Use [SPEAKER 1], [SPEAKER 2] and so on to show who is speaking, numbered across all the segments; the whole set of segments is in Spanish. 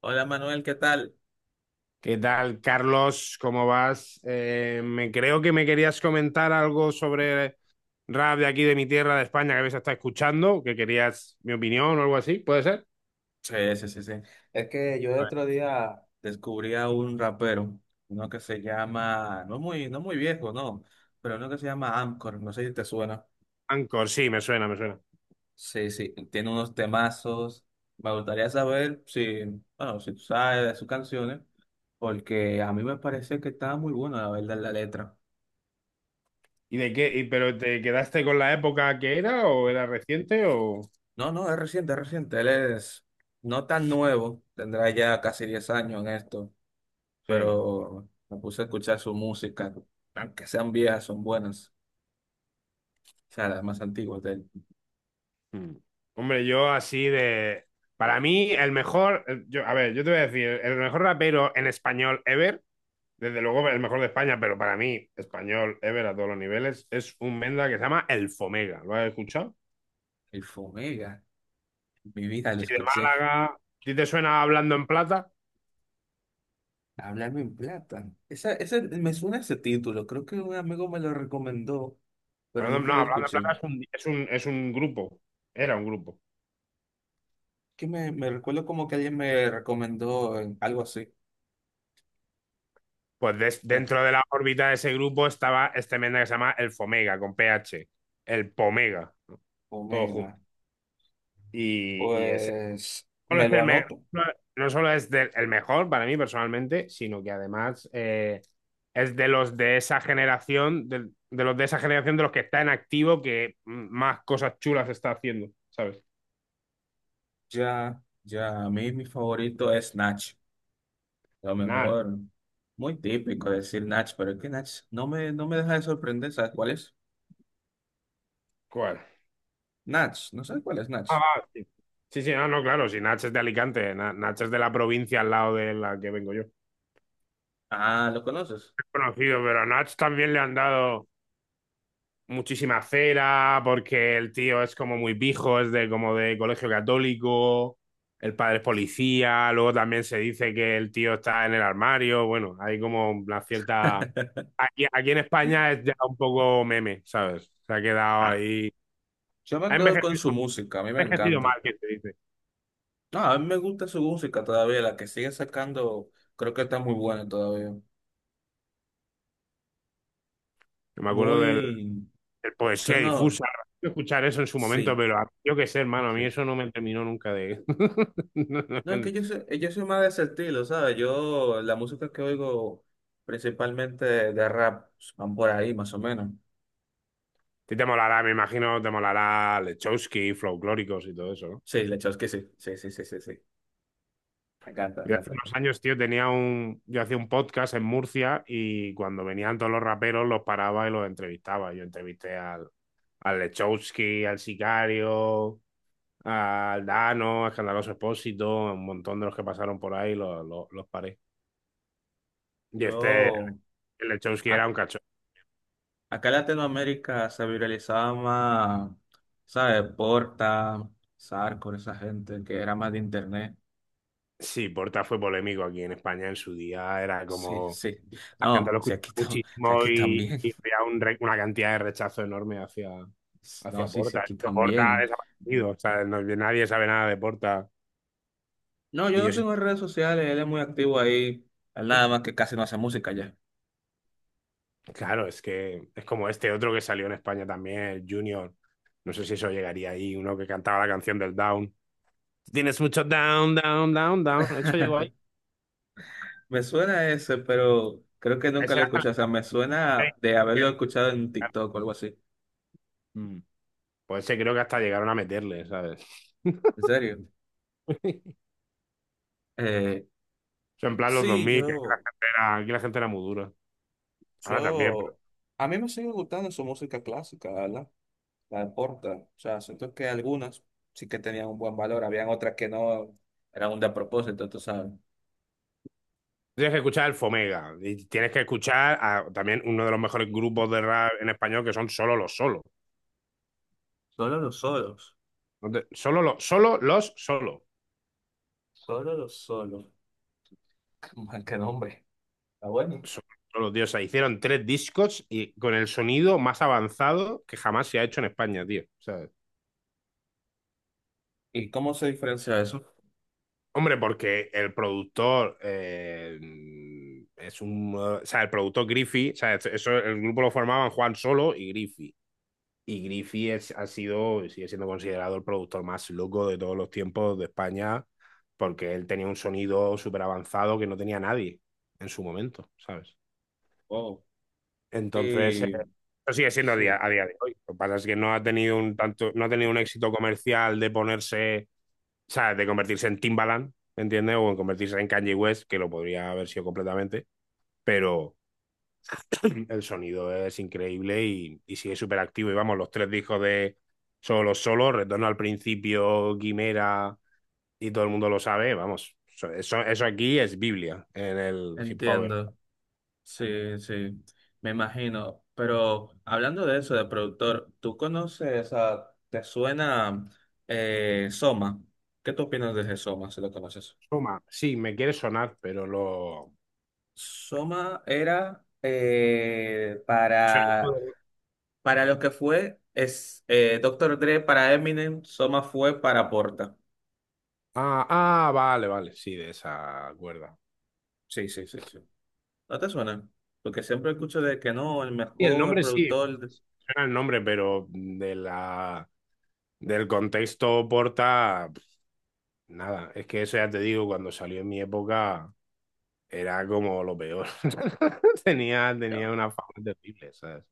[SPEAKER 1] Hola Manuel, ¿qué tal?
[SPEAKER 2] ¿Qué tal, Carlos? ¿Cómo vas? Me creo que me querías comentar algo sobre rap de aquí de mi tierra, de España, que habéis estado escuchando, que querías mi opinión o algo así, ¿puede ser?
[SPEAKER 1] Sí, sí, sí, sí. Es que yo el otro día descubrí a un rapero, uno que se llama, no muy viejo, no, pero uno que se llama Amcor, no sé si te suena.
[SPEAKER 2] Anchor, sí, me suena, me suena.
[SPEAKER 1] Sí, sí, tiene unos temazos. Me gustaría saber si, bueno, si tú sabes de sus canciones, porque a mí me parece que está muy buena la verdad la letra.
[SPEAKER 2] ¿Y de qué? ¿Pero te quedaste con la época que era o era reciente o...?
[SPEAKER 1] No, no, es reciente, es reciente. Él es no tan nuevo, tendrá ya casi 10 años en esto,
[SPEAKER 2] Sí.
[SPEAKER 1] pero me puse a escuchar su música, aunque sean viejas, son buenas, o sea, las más antiguas de él.
[SPEAKER 2] Mm. Hombre, yo así de... Para mí, el mejor... Yo, a ver, yo te voy a decir, el mejor rapero en español ever. Desde luego el mejor de España, pero para mí, español, ever a todos los niveles, es un Menda que se llama El Fomega. ¿Lo has escuchado?
[SPEAKER 1] El Fomega, en mi vida lo
[SPEAKER 2] Si de
[SPEAKER 1] escuché.
[SPEAKER 2] Málaga, si te suena Hablando en Plata.
[SPEAKER 1] Háblame en plata. Esa, me suena ese título, creo que un amigo me lo recomendó, pero nunca
[SPEAKER 2] No,
[SPEAKER 1] lo
[SPEAKER 2] Hablando en
[SPEAKER 1] escuché.
[SPEAKER 2] Plata es un grupo, era un grupo.
[SPEAKER 1] Que me recuerdo como que alguien me recomendó algo así,
[SPEAKER 2] Pues
[SPEAKER 1] de
[SPEAKER 2] dentro de la órbita de ese grupo estaba este Menda que se llama El Fomega, con PH, El Pomega, todo junto.
[SPEAKER 1] Fomega.
[SPEAKER 2] Y ese
[SPEAKER 1] Pues
[SPEAKER 2] solo
[SPEAKER 1] me
[SPEAKER 2] es
[SPEAKER 1] lo
[SPEAKER 2] el me-
[SPEAKER 1] anoto.
[SPEAKER 2] no no solo es el mejor para mí personalmente, sino que además es de los de esa generación, de los de esa generación de los que está en activo que más cosas chulas está haciendo, ¿sabes?
[SPEAKER 1] Ya, ya, a mí mi favorito es Nach. Lo
[SPEAKER 2] Nat.
[SPEAKER 1] mejor, muy típico decir Natch, pero es que Natch no me deja de sorprender, ¿sabes cuál es?
[SPEAKER 2] ¿Cuál?
[SPEAKER 1] Natch, no sé cuál es Natch.
[SPEAKER 2] Ah, va, sí. Sí, sí, no, no, claro, si Nach es de Alicante, Nach es de la provincia al lado de la que vengo yo.
[SPEAKER 1] Ah, ¿lo conoces?
[SPEAKER 2] Conocido, pero a Nach también le han dado muchísima cera, porque el tío es como muy pijo, es de como de colegio católico, el padre es policía, luego también se dice que el tío está en el armario, bueno, hay como una cierta... Aquí en España es ya un poco meme, ¿sabes? Se ha quedado
[SPEAKER 1] Ah,
[SPEAKER 2] ahí...
[SPEAKER 1] yo me
[SPEAKER 2] Ha
[SPEAKER 1] quedo con
[SPEAKER 2] envejecido,
[SPEAKER 1] su
[SPEAKER 2] ha
[SPEAKER 1] música, a mí me
[SPEAKER 2] envejecido mal,
[SPEAKER 1] encanta.
[SPEAKER 2] que se dice.
[SPEAKER 1] No, a mí me gusta su música todavía, la que sigue sacando, creo que está muy buena todavía.
[SPEAKER 2] Yo me acuerdo del,
[SPEAKER 1] Muy,
[SPEAKER 2] del
[SPEAKER 1] yo
[SPEAKER 2] poesía
[SPEAKER 1] no,
[SPEAKER 2] difusa, de escuchar eso en su momento,
[SPEAKER 1] sí,
[SPEAKER 2] pero yo qué sé, hermano, a mí
[SPEAKER 1] sí.
[SPEAKER 2] eso no me terminó nunca de...
[SPEAKER 1] No, es que yo soy más de ese estilo, ¿sabes? Yo, la música que oigo principalmente de rap, pues, van por ahí más o menos.
[SPEAKER 2] ti te molará, me imagino, te molará Lechowski, Folclóricos y todo eso, ¿no?
[SPEAKER 1] Sí, la que sí, sí, sí, sí, sí, sí. Me encanta, me
[SPEAKER 2] Yo hace
[SPEAKER 1] encanta.
[SPEAKER 2] unos años, tío, yo hacía un podcast en Murcia y cuando venían todos los raperos los paraba y los entrevistaba. Yo entrevisté al Lechowski, al Sicario, al Dano, a Escandaloso Expósito, un montón de los que pasaron por ahí los paré. Y este,
[SPEAKER 1] Yo,
[SPEAKER 2] el Lechowski era
[SPEAKER 1] ac-
[SPEAKER 2] un cacho.
[SPEAKER 1] acá en Latinoamérica se viralizaba más, ¿sabes? Porta, Sarco, esa gente que era más de internet.
[SPEAKER 2] Sí, Porta fue polémico aquí en España en su día, era
[SPEAKER 1] Sí,
[SPEAKER 2] como
[SPEAKER 1] sí.
[SPEAKER 2] la gente
[SPEAKER 1] No,
[SPEAKER 2] lo
[SPEAKER 1] si
[SPEAKER 2] escuchó
[SPEAKER 1] aquí, si
[SPEAKER 2] muchísimo
[SPEAKER 1] aquí
[SPEAKER 2] y,
[SPEAKER 1] también.
[SPEAKER 2] y había una cantidad de rechazo enorme hacia,
[SPEAKER 1] No,
[SPEAKER 2] hacia
[SPEAKER 1] sí, si
[SPEAKER 2] Porta.
[SPEAKER 1] aquí
[SPEAKER 2] Esto Porta ha
[SPEAKER 1] también.
[SPEAKER 2] desaparecido, o sea, nadie sabe nada de Porta.
[SPEAKER 1] No, yo
[SPEAKER 2] Y
[SPEAKER 1] no
[SPEAKER 2] yo sí,
[SPEAKER 1] sigo en redes sociales, él es muy activo ahí. Él nada más que casi no hace música ya.
[SPEAKER 2] claro, es que es como este otro que salió en España también, el Junior. No sé si eso llegaría ahí, uno que cantaba la canción del Down. Tienes mucho down, down, down, down. Eso llegó ahí.
[SPEAKER 1] Me suena ese, pero creo que nunca
[SPEAKER 2] Ese
[SPEAKER 1] lo he
[SPEAKER 2] era
[SPEAKER 1] escuchado. O sea,
[SPEAKER 2] hasta
[SPEAKER 1] me suena de haberlo escuchado en TikTok o algo así.
[SPEAKER 2] la- Pues ese creo que hasta llegaron a meterle, ¿sabes?
[SPEAKER 1] ¿En serio? Eh,
[SPEAKER 2] O sea, en plan los
[SPEAKER 1] sí,
[SPEAKER 2] 2000, que aquí la
[SPEAKER 1] yo.
[SPEAKER 2] gente era, aquí la gente era muy dura. Ahora también, pero
[SPEAKER 1] Yo, a mí me sigue gustando su música clásica, ¿verdad? La de Porta. O sea, siento que algunas sí que tenían un buen valor, habían otras que no eran un despropósito, tú sabes.
[SPEAKER 2] tienes que escuchar el Fomega. Y tienes que escuchar a, también uno de los mejores grupos de rap en español, que son Solo los Solos.
[SPEAKER 1] Solo los solos,
[SPEAKER 2] Solo los solo los solo.
[SPEAKER 1] solo los solos. Man, qué nombre. Está bueno.
[SPEAKER 2] Solo, solo, tío. O sea, hicieron tres discos y con el sonido más avanzado que jamás se ha hecho en España, tío. ¿Sabes?
[SPEAKER 1] ¿Y cómo se diferencia eso?
[SPEAKER 2] Hombre, porque el productor es un. O sea, el productor Griffey, o sea, eso, el grupo lo formaban Juan Solo y Griffey. Y Griffey es, ha sido, sigue siendo considerado el productor más loco de todos los tiempos de España, porque él tenía un sonido súper avanzado que no tenía nadie en su momento, ¿sabes?
[SPEAKER 1] Oh,
[SPEAKER 2] Entonces,
[SPEAKER 1] y
[SPEAKER 2] eso sigue siendo a día,
[SPEAKER 1] sí,
[SPEAKER 2] a día de hoy. Lo que pasa es que no ha tenido un tanto, no ha tenido un éxito comercial de ponerse, o sea, de convertirse en Timbaland, ¿entiendes? O en convertirse en Kanye West, que lo podría haber sido completamente, pero el sonido es increíble y sigue súper activo. Y vamos, los tres discos de Solo Solo, Retorno al Principio, Quimera, y todo el mundo lo sabe, vamos, so, eso aquí es Biblia en el hip hop.
[SPEAKER 1] entiendo. Sí, sí, me imagino. Pero hablando de eso, de productor, ¿tú conoces a, te suena Soma? ¿Qué tú opinas de ese Soma, si lo conoces?
[SPEAKER 2] Soma, sí, me quiere sonar, pero lo...
[SPEAKER 1] Soma era
[SPEAKER 2] Soy-
[SPEAKER 1] para lo que fue es, Dr. Dre para Eminem, Soma fue para Porta.
[SPEAKER 2] Ah, ah, vale, vale, sí, de esa cuerda.
[SPEAKER 1] Sí, sí, sí, sí. ¿No te suena? Porque siempre escucho de que no, el
[SPEAKER 2] Sí, el
[SPEAKER 1] mejor
[SPEAKER 2] nombre sí,
[SPEAKER 1] productor.
[SPEAKER 2] era el nombre, pero del contexto Porta, pf, nada. Es que eso ya te digo, cuando salió en mi época era como lo peor. Tenía una fama terrible, ¿sabes?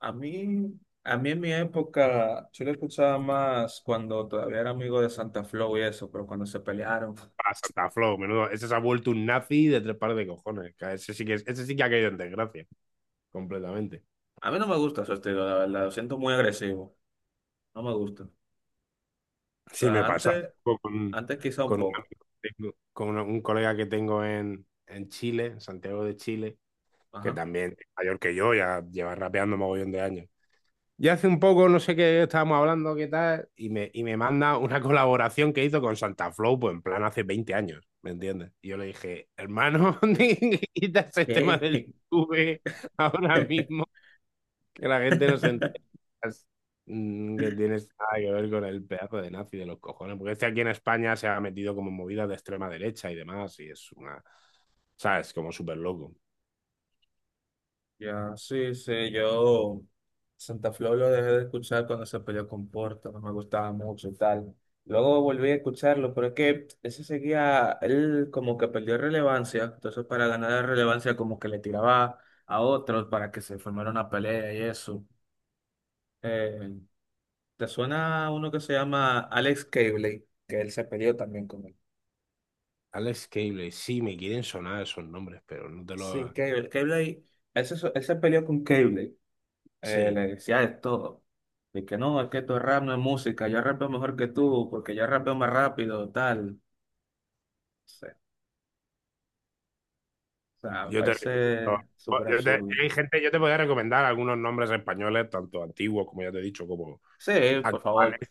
[SPEAKER 1] A mí, a mí en mi época, yo lo escuchaba más cuando todavía era amigo de Santa Flow y eso, pero cuando se pelearon.
[SPEAKER 2] Para Santa Flow, menudo. Ese se ha vuelto un nazi de tres pares de cojones, que ese sí que ha caído en desgracia, completamente.
[SPEAKER 1] A mí no me gusta su estilo, la verdad, lo siento muy agresivo. No me gusta. O
[SPEAKER 2] Sí,
[SPEAKER 1] sea,
[SPEAKER 2] me pasa hace
[SPEAKER 1] antes,
[SPEAKER 2] poco
[SPEAKER 1] antes quizá un
[SPEAKER 2] un
[SPEAKER 1] poco.
[SPEAKER 2] amigo que tengo- con una- un colega que tengo en Chile, en Santiago de Chile, que
[SPEAKER 1] Ajá.
[SPEAKER 2] también es mayor que yo, ya lleva rapeando mogollón de años. Y hace un poco, no sé qué estábamos hablando, qué tal, y me manda una colaboración que hizo con Santa Flow, pues en plan hace 20 años, ¿me entiendes? Y yo le dije, hermano, quita ese tema
[SPEAKER 1] ¿Qué?
[SPEAKER 2] del YouTube ahora mismo, que la gente no se entera, que tienes nada que ver con el pedazo de nazi de los cojones, porque este aquí en España se ha metido como en movidas de extrema derecha y demás, y es una, ¿sabes? Como súper loco.
[SPEAKER 1] Ya, sí, sí, yo Santa Flor lo dejé de escuchar cuando se peleó con Porta, no me gustaba mucho y tal. Luego volví a escucharlo, pero es que ese seguía, él como que perdió relevancia, entonces para ganar relevancia como que le tiraba a otros para que se formara una pelea y eso. Eh, ¿Te suena uno que se llama Alex Cabley? Que él se peleó también con él.
[SPEAKER 2] Alex Cable, sí, me quieren sonar esos nombres, pero no te
[SPEAKER 1] Sí,
[SPEAKER 2] los...
[SPEAKER 1] Cabley, Cabley, él se peleó con Cabley.
[SPEAKER 2] Sí,
[SPEAKER 1] Le decía de todo. De que no, es que tu rap no es música, yo rapeo mejor que tú, porque yo rapeo más rápido, tal. No. O sea, me
[SPEAKER 2] yo te recomiendo.
[SPEAKER 1] parece súper absurdo.
[SPEAKER 2] Hay gente, yo te podría recomendar algunos nombres españoles, tanto antiguos, como ya te he dicho, como
[SPEAKER 1] Sí, por favor.
[SPEAKER 2] actuales,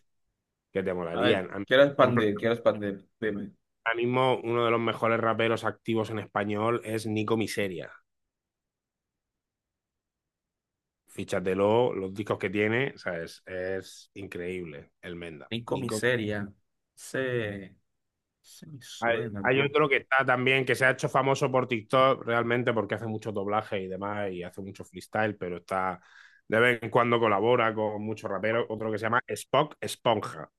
[SPEAKER 2] que te
[SPEAKER 1] A ver,
[SPEAKER 2] molarían. A mí,
[SPEAKER 1] quiero
[SPEAKER 2] por ejemplo,
[SPEAKER 1] expandir, quiero expandir. Dime.
[SPEAKER 2] ahora mismo uno de los mejores raperos activos en español es Nico Miseria. Fíchatelo, los discos que tiene, o sea, es increíble. El Menda.
[SPEAKER 1] Nico
[SPEAKER 2] Nico.
[SPEAKER 1] Miseria. Se, se me
[SPEAKER 2] Hay,
[SPEAKER 1] suena,
[SPEAKER 2] hay
[SPEAKER 1] tú.
[SPEAKER 2] otro que está también, que se ha hecho famoso por TikTok realmente porque hace mucho doblaje y demás y hace mucho freestyle, pero está de vez en cuando colabora con muchos raperos. Otro que se llama Spock Esponja,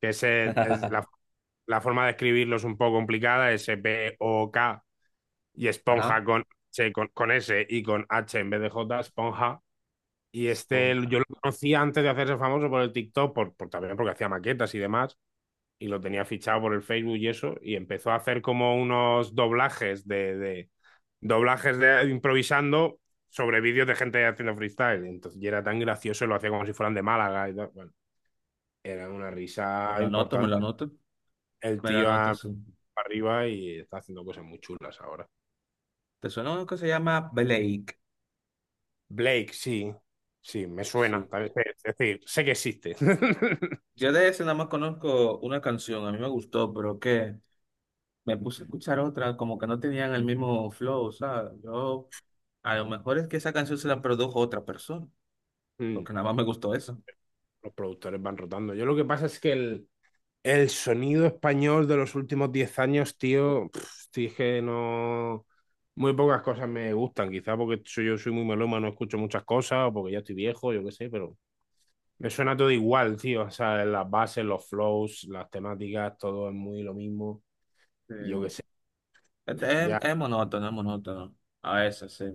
[SPEAKER 2] que ese es la, la forma de escribirlo es un poco complicada, S-P-O-K y
[SPEAKER 1] Ajá.
[SPEAKER 2] Esponja con, con S y con H en vez de J, Esponja. Y este
[SPEAKER 1] Esponja.
[SPEAKER 2] yo lo conocía antes de hacerse famoso por el TikTok, también porque hacía maquetas y demás y lo tenía fichado por el Facebook y eso, y empezó a hacer como unos doblajes de doblajes de improvisando sobre vídeos de gente haciendo freestyle. Entonces, y era tan gracioso, lo hacía como si fueran de Málaga y tal. Bueno, era una
[SPEAKER 1] Me
[SPEAKER 2] risa
[SPEAKER 1] lo anoto, me lo
[SPEAKER 2] importante.
[SPEAKER 1] anoto.
[SPEAKER 2] El
[SPEAKER 1] Me lo
[SPEAKER 2] tío
[SPEAKER 1] anoto,
[SPEAKER 2] para
[SPEAKER 1] sí.
[SPEAKER 2] arriba y está haciendo cosas muy chulas ahora.
[SPEAKER 1] ¿Te suena uno que se llama Blake?
[SPEAKER 2] Blake, sí, sí, me suena.
[SPEAKER 1] Sí.
[SPEAKER 2] También, es decir, sé que existe.
[SPEAKER 1] Yo de ese nada más conozco una canción, a mí me gustó, pero ¿qué? Me puse a escuchar otra, como que no tenían el mismo flow, o sea, yo, a lo mejor es que esa canción se la produjo otra persona, porque nada más me gustó eso.
[SPEAKER 2] Los productores van rotando. Yo lo que pasa es que el sonido español de los últimos 10 años, tío, pf, tío, es que no. Muy pocas cosas me gustan, quizá porque yo soy muy melómano, no escucho muchas cosas, o porque ya estoy viejo, yo qué sé, pero me suena todo igual, tío. O sea, las bases, los flows, las temáticas, todo es muy lo mismo.
[SPEAKER 1] Sí.
[SPEAKER 2] Yo qué sé. Ya.
[SPEAKER 1] Es monótono, es monótono, a veces, sí.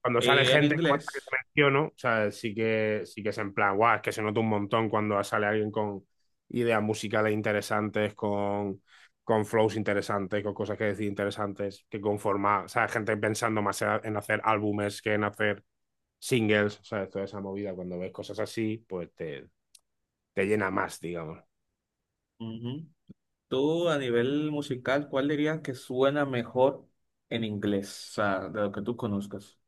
[SPEAKER 2] Cuando sale
[SPEAKER 1] Y en
[SPEAKER 2] gente como esta que te
[SPEAKER 1] inglés,
[SPEAKER 2] menciono, o sea, sí que es en plan, guau, es que se nota un montón cuando sale alguien con ideas musicales interesantes, con flows interesantes, con cosas que decir interesantes, que conforma, o sea, gente pensando más en hacer álbumes que en hacer singles, o sea, toda esa movida, cuando ves cosas así, pues te llena más, digamos.
[SPEAKER 1] ujú, tú a nivel musical, ¿cuál dirías que suena mejor en inglés? O sea, de lo que tú conozcas.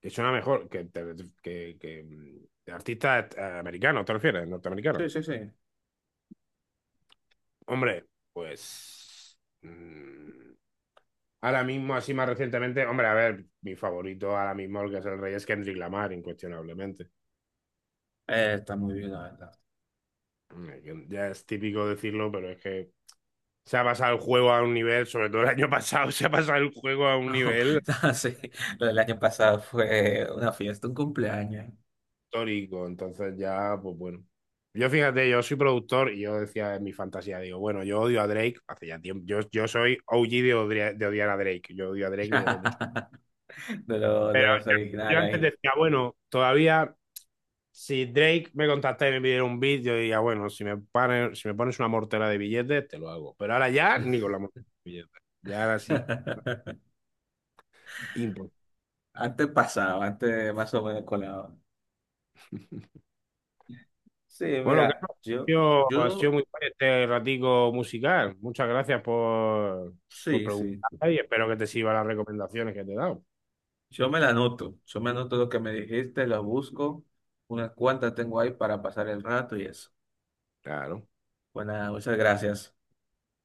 [SPEAKER 2] Y suena mejor que de artistas americanos, ¿te refieres? Norteamericanos.
[SPEAKER 1] Sí, sí, sí.
[SPEAKER 2] Hombre, pues... Ahora mismo, así más recientemente, hombre, a ver, mi favorito ahora mismo, el que es el rey, es Kendrick Lamar, incuestionablemente.
[SPEAKER 1] Está muy bien, la verdad.
[SPEAKER 2] Ya es típico decirlo, pero es que se ha pasado el juego a un nivel, sobre todo el año pasado, se ha pasado el juego a un
[SPEAKER 1] No,
[SPEAKER 2] nivel
[SPEAKER 1] no, sí, lo del año pasado fue una fiesta, un cumpleaños.
[SPEAKER 2] histórico. Entonces ya, pues bueno. Yo fíjate, yo soy productor y yo decía en mi fantasía, digo, bueno, yo odio a Drake hace ya tiempo. Yo soy OG de odiar a Drake. Yo odio a Drake desde hace mucho.
[SPEAKER 1] De los
[SPEAKER 2] Yo
[SPEAKER 1] originales
[SPEAKER 2] antes
[SPEAKER 1] ahí.
[SPEAKER 2] decía, bueno, todavía si Drake me contacta y me pidiera un beat, yo diría, bueno, si me pones una mortera de billetes, te lo hago. Pero ahora ya ni con la mortera de billetes. Ya ahora sí, imposible.
[SPEAKER 1] Antes pasaba, antes más o menos colado. Sí,
[SPEAKER 2] Bueno,
[SPEAKER 1] mira,
[SPEAKER 2] Carlos, ha
[SPEAKER 1] yo,
[SPEAKER 2] sido, ha sido
[SPEAKER 1] yo,
[SPEAKER 2] muy guay este ratico musical. Muchas gracias por
[SPEAKER 1] sí, sí.
[SPEAKER 2] preguntar y espero que te sirvan las recomendaciones que te he dado.
[SPEAKER 1] Yo me la anoto. Yo me anoto lo que me dijiste, lo busco. Unas cuantas tengo ahí para pasar el rato y eso.
[SPEAKER 2] Claro,
[SPEAKER 1] Bueno, muchas gracias.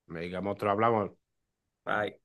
[SPEAKER 2] me digamos, te lo hablamos.
[SPEAKER 1] Bye.